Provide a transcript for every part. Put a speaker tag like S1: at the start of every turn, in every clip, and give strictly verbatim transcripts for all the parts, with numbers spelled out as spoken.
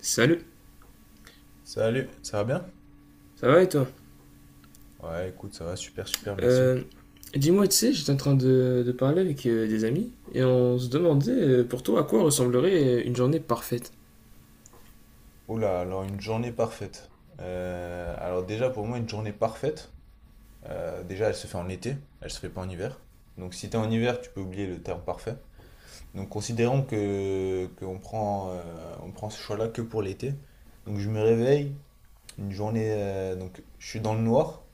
S1: Salut,
S2: Salut, ça va bien?
S1: ça va et toi?
S2: Ouais, écoute, ça va super, super, merci.
S1: Euh, Dis-moi, tu sais, j'étais en train de, de parler avec euh, des amis et on se demandait euh, pour toi à quoi ressemblerait euh, une journée parfaite.
S2: Oula, alors une journée parfaite. Euh, alors déjà, pour moi, une journée parfaite, euh, déjà, elle se fait en été, elle se fait pas en hiver. Donc si t'es en hiver, tu peux oublier le terme parfait. Donc considérons que qu'on prend, euh, on prend ce choix-là que pour l'été. Donc je me réveille, une journée, euh, donc je suis dans le noir,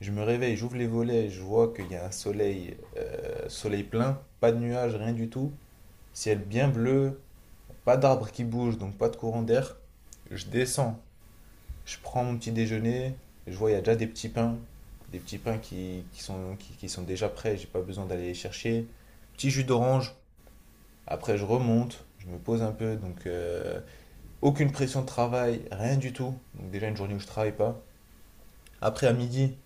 S2: je me réveille, j'ouvre les volets, je vois qu'il y a un soleil, euh, soleil plein, pas de nuages, rien du tout, ciel bien bleu. Pas d'arbres qui bougent, donc pas de courant d'air. Je descends, je prends mon petit déjeuner, je vois il y a déjà des petits pains, des petits pains qui, qui sont, qui, qui sont déjà prêts, j'ai pas besoin d'aller les chercher. Petit jus d'orange, après je remonte, je me pose un peu, donc euh, aucune pression de travail, rien du tout. Donc déjà une journée où je travaille pas. Après à midi,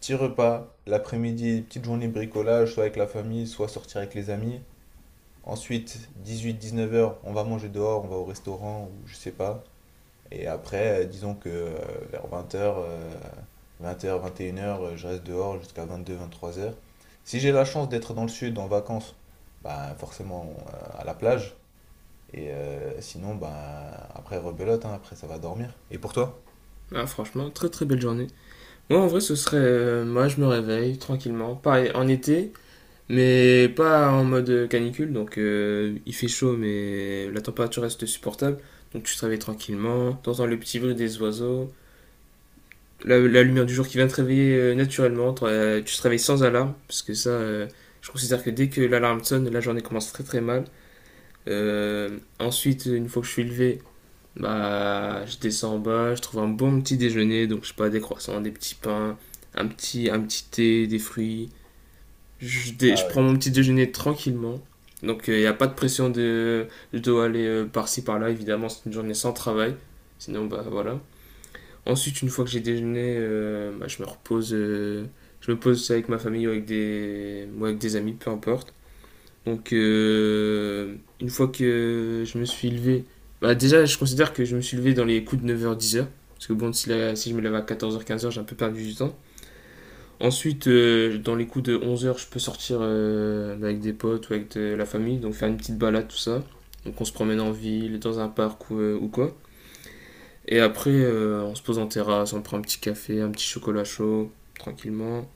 S2: petit repas, l'après-midi, petite journée bricolage, soit avec la famille, soit sortir avec les amis. Ensuite, dix-huit à dix-neuf heures, on va manger dehors, on va au restaurant ou je sais pas. Et après, euh, disons que euh, vers vingt heures, vingt heures, vingt et une heures, je reste dehors jusqu'à vingt-deux, vingt-trois heures. Si j'ai la chance d'être dans le sud en vacances, bah forcément euh, à la plage. Et euh, sinon, ben après rebelote, hein, après ça va dormir. Et pour toi?
S1: Ah, franchement, très très belle journée. Moi, en vrai, ce serait, euh, moi, je me réveille tranquillement, pareil, en été, mais pas en mode canicule, donc euh, il fait chaud, mais la température reste supportable, donc tu te réveilles tranquillement, t'entends le petit bruit des oiseaux, la, la lumière du jour qui vient te réveiller euh, naturellement. euh, tu te réveilles sans alarme, parce que ça, euh, je considère que dès que l'alarme sonne, la journée commence très très mal. Euh, ensuite, une fois que je suis levé, bah, je descends en bas, je trouve un bon petit déjeuner, donc je sais pas, des croissants, des petits pains, un petit, un petit thé, des fruits. Je, dé- je prends mon petit déjeuner tranquillement. Donc il euh, n'y a pas de pression de je dois aller euh, par-ci par-là, évidemment, c'est une journée sans travail. Sinon, bah voilà. Ensuite, une fois que j'ai déjeuné, euh, bah, je me repose. euh, je me pose avec ma famille ou avec des, ou avec des amis, peu importe. Donc, euh, une fois que je me suis levé. Bah, déjà, je considère que je me suis levé dans les coups de neuf heures dix heures. Parce que bon, si, la- si je me lève à quatorze heures quinze heures, j'ai un peu perdu du temps. Ensuite, euh, dans les coups de onze heures, je peux sortir euh, avec des potes ou avec de la famille. Donc, faire une petite balade, tout ça. Donc, on se promène en ville, dans un parc ou, euh, ou quoi. Et après, euh, on se pose en terrasse, on prend un petit café, un petit chocolat chaud, tranquillement.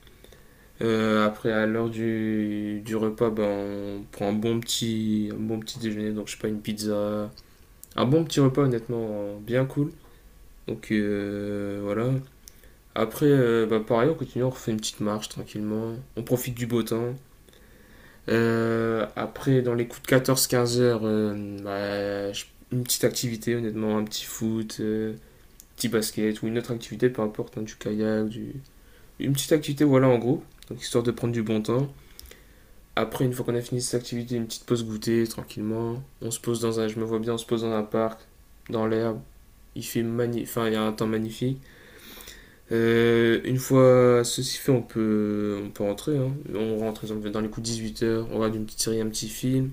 S1: Euh, après, à l'heure du, du repas, ben, on prend un bon, petit, un bon petit déjeuner, donc je sais pas, une pizza. Un bon petit repas, honnêtement, euh, bien cool. Donc euh, voilà. Après, euh, bah, pareil, on continue, on refait une petite marche tranquillement. On profite du beau temps. Euh, après, dans les coups de quatorze à quinze heures, euh, bah, je- une petite activité, honnêtement, un petit foot, euh, petit basket ou une autre activité, peu importe, hein, du kayak, du... une petite activité, voilà, en gros, donc histoire de prendre du bon temps. Après, une fois qu'on a fini cette activité, une petite pause goûter, tranquillement. On se pose dans un, je me vois bien, on se pose dans un parc, dans l'herbe. Il fait magnifique, enfin, il y a un temps magnifique. Euh, une fois ceci fait, on peut, on peut rentrer, hein. On rentre, exemple, dans les coups de huit heures, on regarde une petite série, un petit film.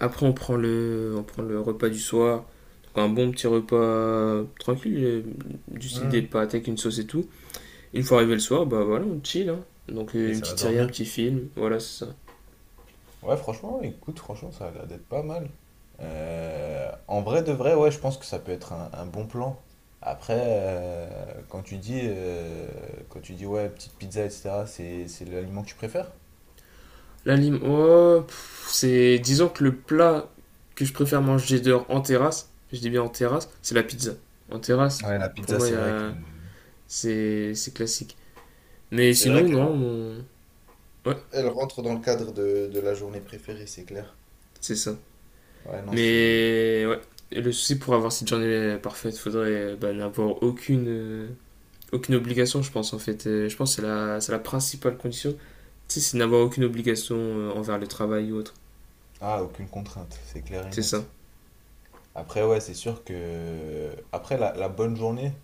S1: Après, on prend le, on prend le repas du soir. Donc, un bon petit repas tranquille, euh, du style des
S2: Hmm.
S1: pâtes avec une sauce et tout. Une fois arrivé le soir, bah voilà, on chill, hein. Donc euh,
S2: Et
S1: une
S2: ça va
S1: petite série, un
S2: dormir.
S1: petit film, voilà, c'est ça.
S2: Ouais, franchement, écoute, franchement, ça a l'air d'être pas mal. Euh, en vrai de vrai, ouais, je pense que ça peut être un, un bon plan. Après, euh, quand tu dis, euh, quand tu dis, ouais, petite pizza, et cetera, c'est, c'est l'aliment que tu préfères?
S1: L'anime, oh, c'est. Disons que le plat que je préfère manger dehors en terrasse, je dis bien en terrasse, c'est la pizza. En terrasse,
S2: Ouais, la
S1: pour
S2: pizza,
S1: moi, y
S2: c'est vrai que...
S1: a- c'est c'est classique. Mais
S2: C'est vrai
S1: sinon,
S2: qu'elle
S1: non, on- ouais,
S2: elle rentre dans le cadre de, de la journée préférée, c'est clair.
S1: c'est ça.
S2: Ouais, non, c'est...
S1: Mais ouais. Et le souci pour avoir cette journée parfaite, faudrait euh, bah, n'avoir aucune, euh, aucune obligation, je pense, en fait. Euh, Je pense que c'est la, c'est la principale condition, si c'est n'avoir aucune obligation euh, envers le travail ou autre.
S2: Ah, aucune contrainte, c'est clair et
S1: C'est ça.
S2: net. Après, ouais, c'est sûr que... Après, la, la bonne journée,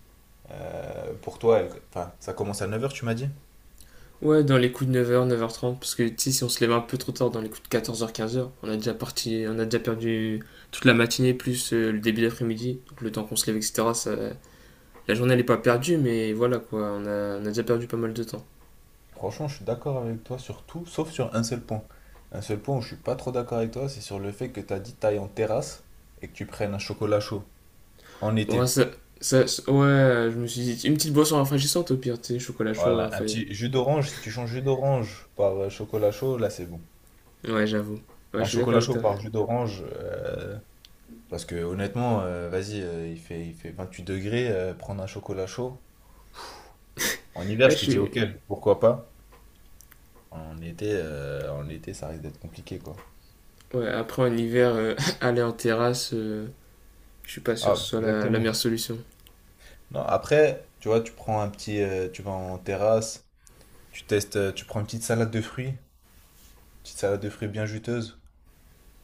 S2: euh, pour toi, elle- enfin, ça commence à neuf heures tu m'as dit?
S1: Ouais, dans les coups de neuf heures neuf heures trente, parce que tu sais, si on se lève un peu trop tard dans les coups de quatorze heures quinze heures, on a déjà parti, on a déjà perdu toute la matinée plus euh, le début d'après-midi, donc le temps qu'on se lève, et cetera. Ça, la journée elle est pas perdue, mais voilà quoi, on a, on a déjà perdu pas mal de temps.
S2: Franchement, je suis d'accord avec toi sur tout, sauf sur un seul point. Un seul point où je suis pas trop d'accord avec toi, c'est sur le fait que tu as dit taille en terrasse et que tu prennes un chocolat chaud en
S1: Ouais,
S2: été.
S1: ça, ça, ça- ouais, je me suis dit, une petite boisson rafraîchissante au pire, tu sais, chocolat chaud,
S2: Voilà, un
S1: enfin.
S2: petit jus d'orange, si tu changes jus d'orange par euh, chocolat chaud, là c'est bon.
S1: Ouais, j'avoue. Ouais,
S2: Un
S1: je suis d'accord
S2: chocolat
S1: avec
S2: chaud
S1: toi.
S2: par jus d'orange, euh, parce que honnêtement, euh, vas-y, euh, il fait, il fait vingt-huit degrés, euh, prendre un chocolat chaud. En
S1: Ouais,
S2: hiver,
S1: je
S2: je te dis
S1: suis...
S2: ok, pourquoi pas. En été, euh, en été, ça risque d'être compliqué, quoi.
S1: ouais, après en hiver, euh, aller en terrasse, euh, je suis pas sûr que ce
S2: Ah,
S1: soit la, la
S2: exactement.
S1: meilleure solution.
S2: Non, après, tu vois, tu prends un petit, euh, tu vas en terrasse, tu testes, euh, tu prends une petite salade de fruits, petite salade de fruits bien juteuse,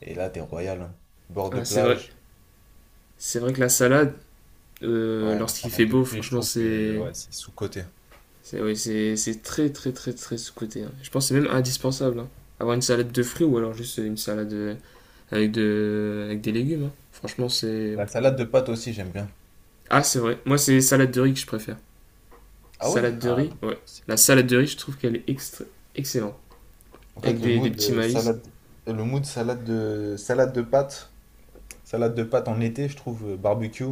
S2: et là, t'es royal, hein. Bord de
S1: Ah, c'est vrai.
S2: plage.
S1: C'est vrai que la salade, euh,
S2: Ouais, la
S1: lorsqu'il
S2: salade
S1: fait
S2: de
S1: beau,
S2: fruits, je
S1: franchement,
S2: trouve que
S1: c'est.
S2: ouais, c'est sous-coté.
S1: C'est oui, c'est c'est très, très, très, très sous-coté, hein. Je pense que c'est même indispensable, hein. Avoir une salade de fruits ou alors juste une salade euh, avec, de, avec des légumes, hein. Franchement, c'est.
S2: La salade de pâtes aussi, j'aime bien.
S1: Ah, c'est vrai. Moi, c'est salade de riz que je préfère.
S2: Ah ouais?
S1: Salade de
S2: Ah
S1: riz,
S2: non.
S1: ouais.
S2: C'est-
S1: La salade de riz, je trouve qu'elle est extra- excellente.
S2: en
S1: Avec
S2: fait, le
S1: des, des
S2: mood
S1: petits
S2: euh,
S1: maïs.
S2: salade, le mood salade de salade de pâtes, salade de pâtes en été, je trouve euh, barbecue.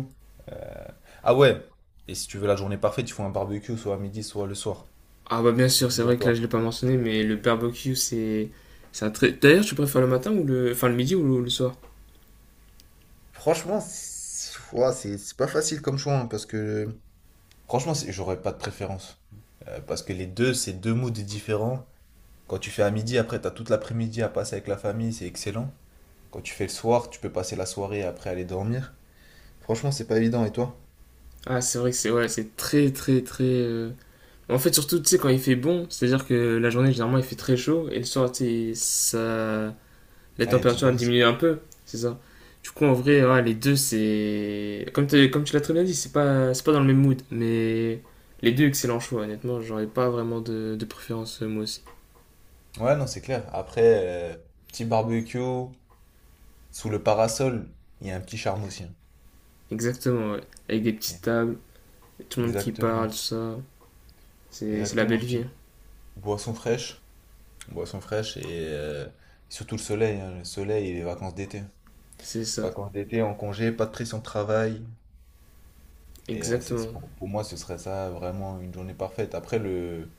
S2: euh, Ah ouais. Et si tu veux la journée parfaite, il faut un barbecue soit à midi, soit le soir.
S1: Ah bah bien sûr, c'est vrai que là
S2: Obligatoire.
S1: je l'ai pas mentionné, mais le barbecue c'est c'est un très. D'ailleurs, tu préfères le matin ou le, enfin le midi ou le, le soir?
S2: Franchement, c'est ouah, c'est- c'est pas facile comme choix, hein, parce que franchement, c'est- j'aurais pas de préférence. Euh, parce que les deux, c'est deux moods différents. Quand tu fais à midi, après, t'as toute l'après-midi à passer avec la famille, c'est excellent. Quand tu fais le soir, tu peux passer la soirée et après aller dormir. Franchement, c'est pas évident, et toi?
S1: Ah, c'est vrai que c'est ouais, c'est très très très. euh, En fait, surtout tu sais quand il fait bon, c'est-à-dire que la journée généralement il fait très chaud et le soir tu sais, ça, la
S2: Ah, il y a une petite
S1: température elle
S2: brise.
S1: diminue un peu, c'est ça. Du coup en vrai, ouais, les deux c'est comme tu comme tu l'as très bien dit, c'est pas c'est pas dans le même mood, mais les deux excellents choix. Honnêtement, j'aurais pas vraiment de de préférence, euh, moi aussi.
S2: Ouais, non, c'est clair. Après, euh, petit barbecue, sous le parasol, il y a un petit charme aussi, hein.
S1: Exactement, ouais. Avec des petites tables. Tout le monde qui parle,
S2: Exactement,
S1: ça. C'est c'est la belle
S2: exactement.
S1: vie,
S2: Petite
S1: hein.
S2: boisson fraîche. Boisson fraîche et euh, surtout le soleil, hein, le soleil et les vacances d'été.
S1: C'est ça,
S2: Vacances d'été en congé, pas de pression de travail. Et euh, c'est, c'est
S1: exactement.
S2: pour, pour moi, ce serait ça vraiment une journée parfaite. Après, le,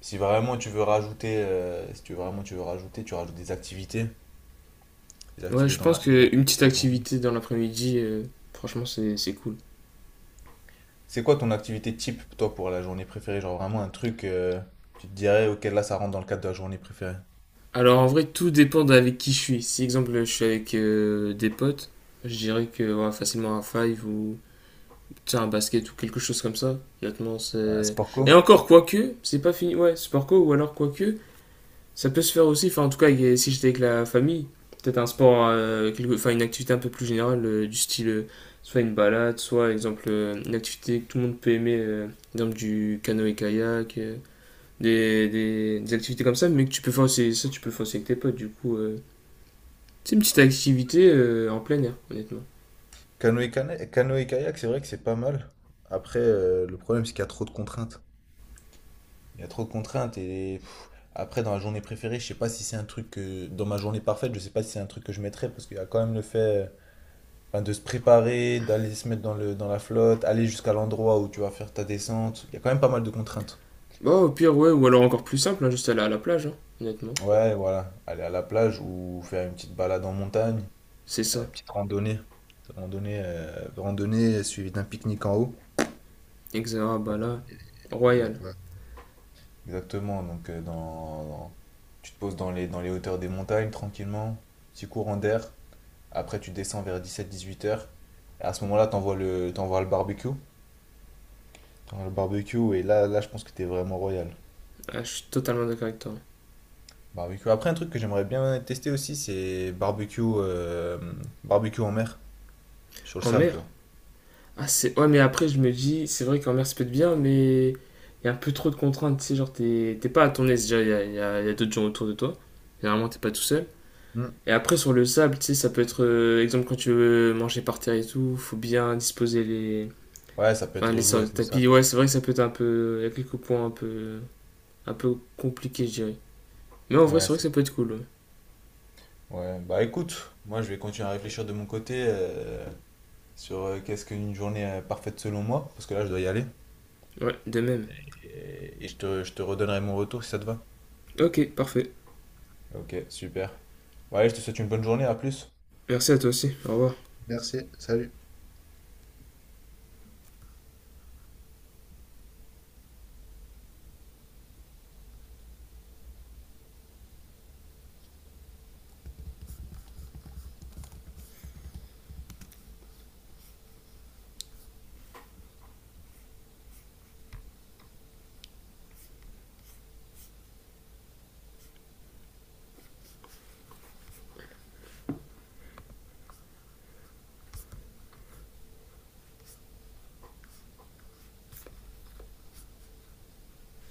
S2: si vraiment tu veux rajouter, euh, si tu veux vraiment tu veux rajouter, tu rajoutes des activités, des
S1: Ouais,
S2: activités
S1: je
S2: dans
S1: pense
S2: la, des
S1: qu'une
S2: activités
S1: petite
S2: dans la journée.
S1: activité dans l'après-midi, euh, franchement, c'est c'est cool.
S2: C'est quoi ton activité type, toi, pour la journée préférée? Genre vraiment un truc, euh, tu te dirais, ok, là, ça rentre dans le cadre de la journée préférée.
S1: Alors en vrai, tout dépend d'avec qui je suis. Si, exemple, je suis avec euh, des potes, je dirais que ouais, facilement un five ou tu sais, un basket ou quelque chose comme ça. Honnêtement,
S2: Ouais,
S1: c'est.
S2: sport
S1: Et
S2: co.
S1: encore, quoique, c'est pas fini. Ouais, sport co ou alors quoique, ça peut se faire aussi, enfin en tout cas si j'étais avec la famille, peut-être un sport, euh, quelque- enfin une activité un peu plus générale euh, du style euh, soit une balade, soit exemple euh, une activité que tout le monde peut aimer, euh, exemple du canoë-kayak, euh, des, des- des activités comme ça, mais que tu peux faire aussi, ça tu peux le faire aussi avec tes potes du coup. Euh, c'est une petite activité euh, en plein air, honnêtement.
S2: Canoë, cana- canoë kayak, c'est vrai que c'est pas mal. Après, euh, le problème, c'est qu'il y a trop de contraintes. Il y a trop de contraintes et pff, après dans la journée préférée, je sais pas si c'est un truc que dans ma journée parfaite, je sais pas si c'est un truc que je mettrais parce qu'il y a quand même le fait euh, ben, de se préparer, d'aller se mettre dans le dans la flotte, aller jusqu'à l'endroit où tu vas faire ta descente. Il y a quand même pas mal de contraintes.
S1: Bah au pire ouais, ou alors encore plus simple, hein, juste aller à la plage, hein, honnêtement.
S2: Ouais, voilà, aller à la plage ou faire une petite balade en montagne,
S1: C'est
S2: euh,
S1: ça.
S2: petite randonnée, randonnée, euh, randonnée suivie d'un pique-nique en haut.
S1: Exact, ah, bah là,
S2: Il y a
S1: royal.
S2: pas. Exactement, donc euh, dans, dans- tu te poses dans les, dans les hauteurs des montagnes tranquillement, petit courant d'air. Après, tu descends vers dix-sept dix-huit heures. À ce moment-là, t'envoies le, t'envoies le barbecue. T'envoies le barbecue et là, là, je pense que t'es vraiment royal.
S1: Ah, je suis totalement d'accord avec toi.
S2: Barbecue. Après, un truc que j'aimerais bien tester aussi, c'est barbecue, euh, barbecue en mer, sur le
S1: En
S2: sable,
S1: mer?
S2: genre.
S1: Ah, c'est... Ouais, mais après, je me dis, c'est vrai qu'en mer, ça peut être bien, mais il y a un peu trop de contraintes. Tu sais, genre, t'es, t'es pas à ton aise. Déjà, il y a, il y a- il y a d'autres gens autour de toi. Généralement, t'es pas tout seul.
S2: Hmm.
S1: Et après, sur le sable, tu sais, ça peut être, euh, exemple, quand tu veux manger par terre et tout, faut bien disposer les.
S2: Ouais, ça peut
S1: Enfin,
S2: être
S1: les
S2: relou
S1: sortes de
S2: avec le sable.
S1: tapis. Ouais, c'est vrai que ça peut être un peu. Il y a quelques points un peu. Un peu compliqués, je dirais. Mais en vrai, c'est
S2: Ouais,
S1: vrai que
S2: ça-
S1: ça peut être cool. Ouais,
S2: ouais. Bah écoute, moi, je vais continuer à réfléchir de mon côté euh, sur euh, qu'est-ce qu'une journée euh, parfaite selon moi, parce que là, je dois y aller.
S1: ouais, de même.
S2: Et, et je te, je te redonnerai mon retour si ça te va.
S1: Ok, parfait.
S2: Ok, super. Ouais, je te souhaite une bonne journée, à plus.
S1: Merci à toi aussi. Au revoir.
S2: Merci. Salut.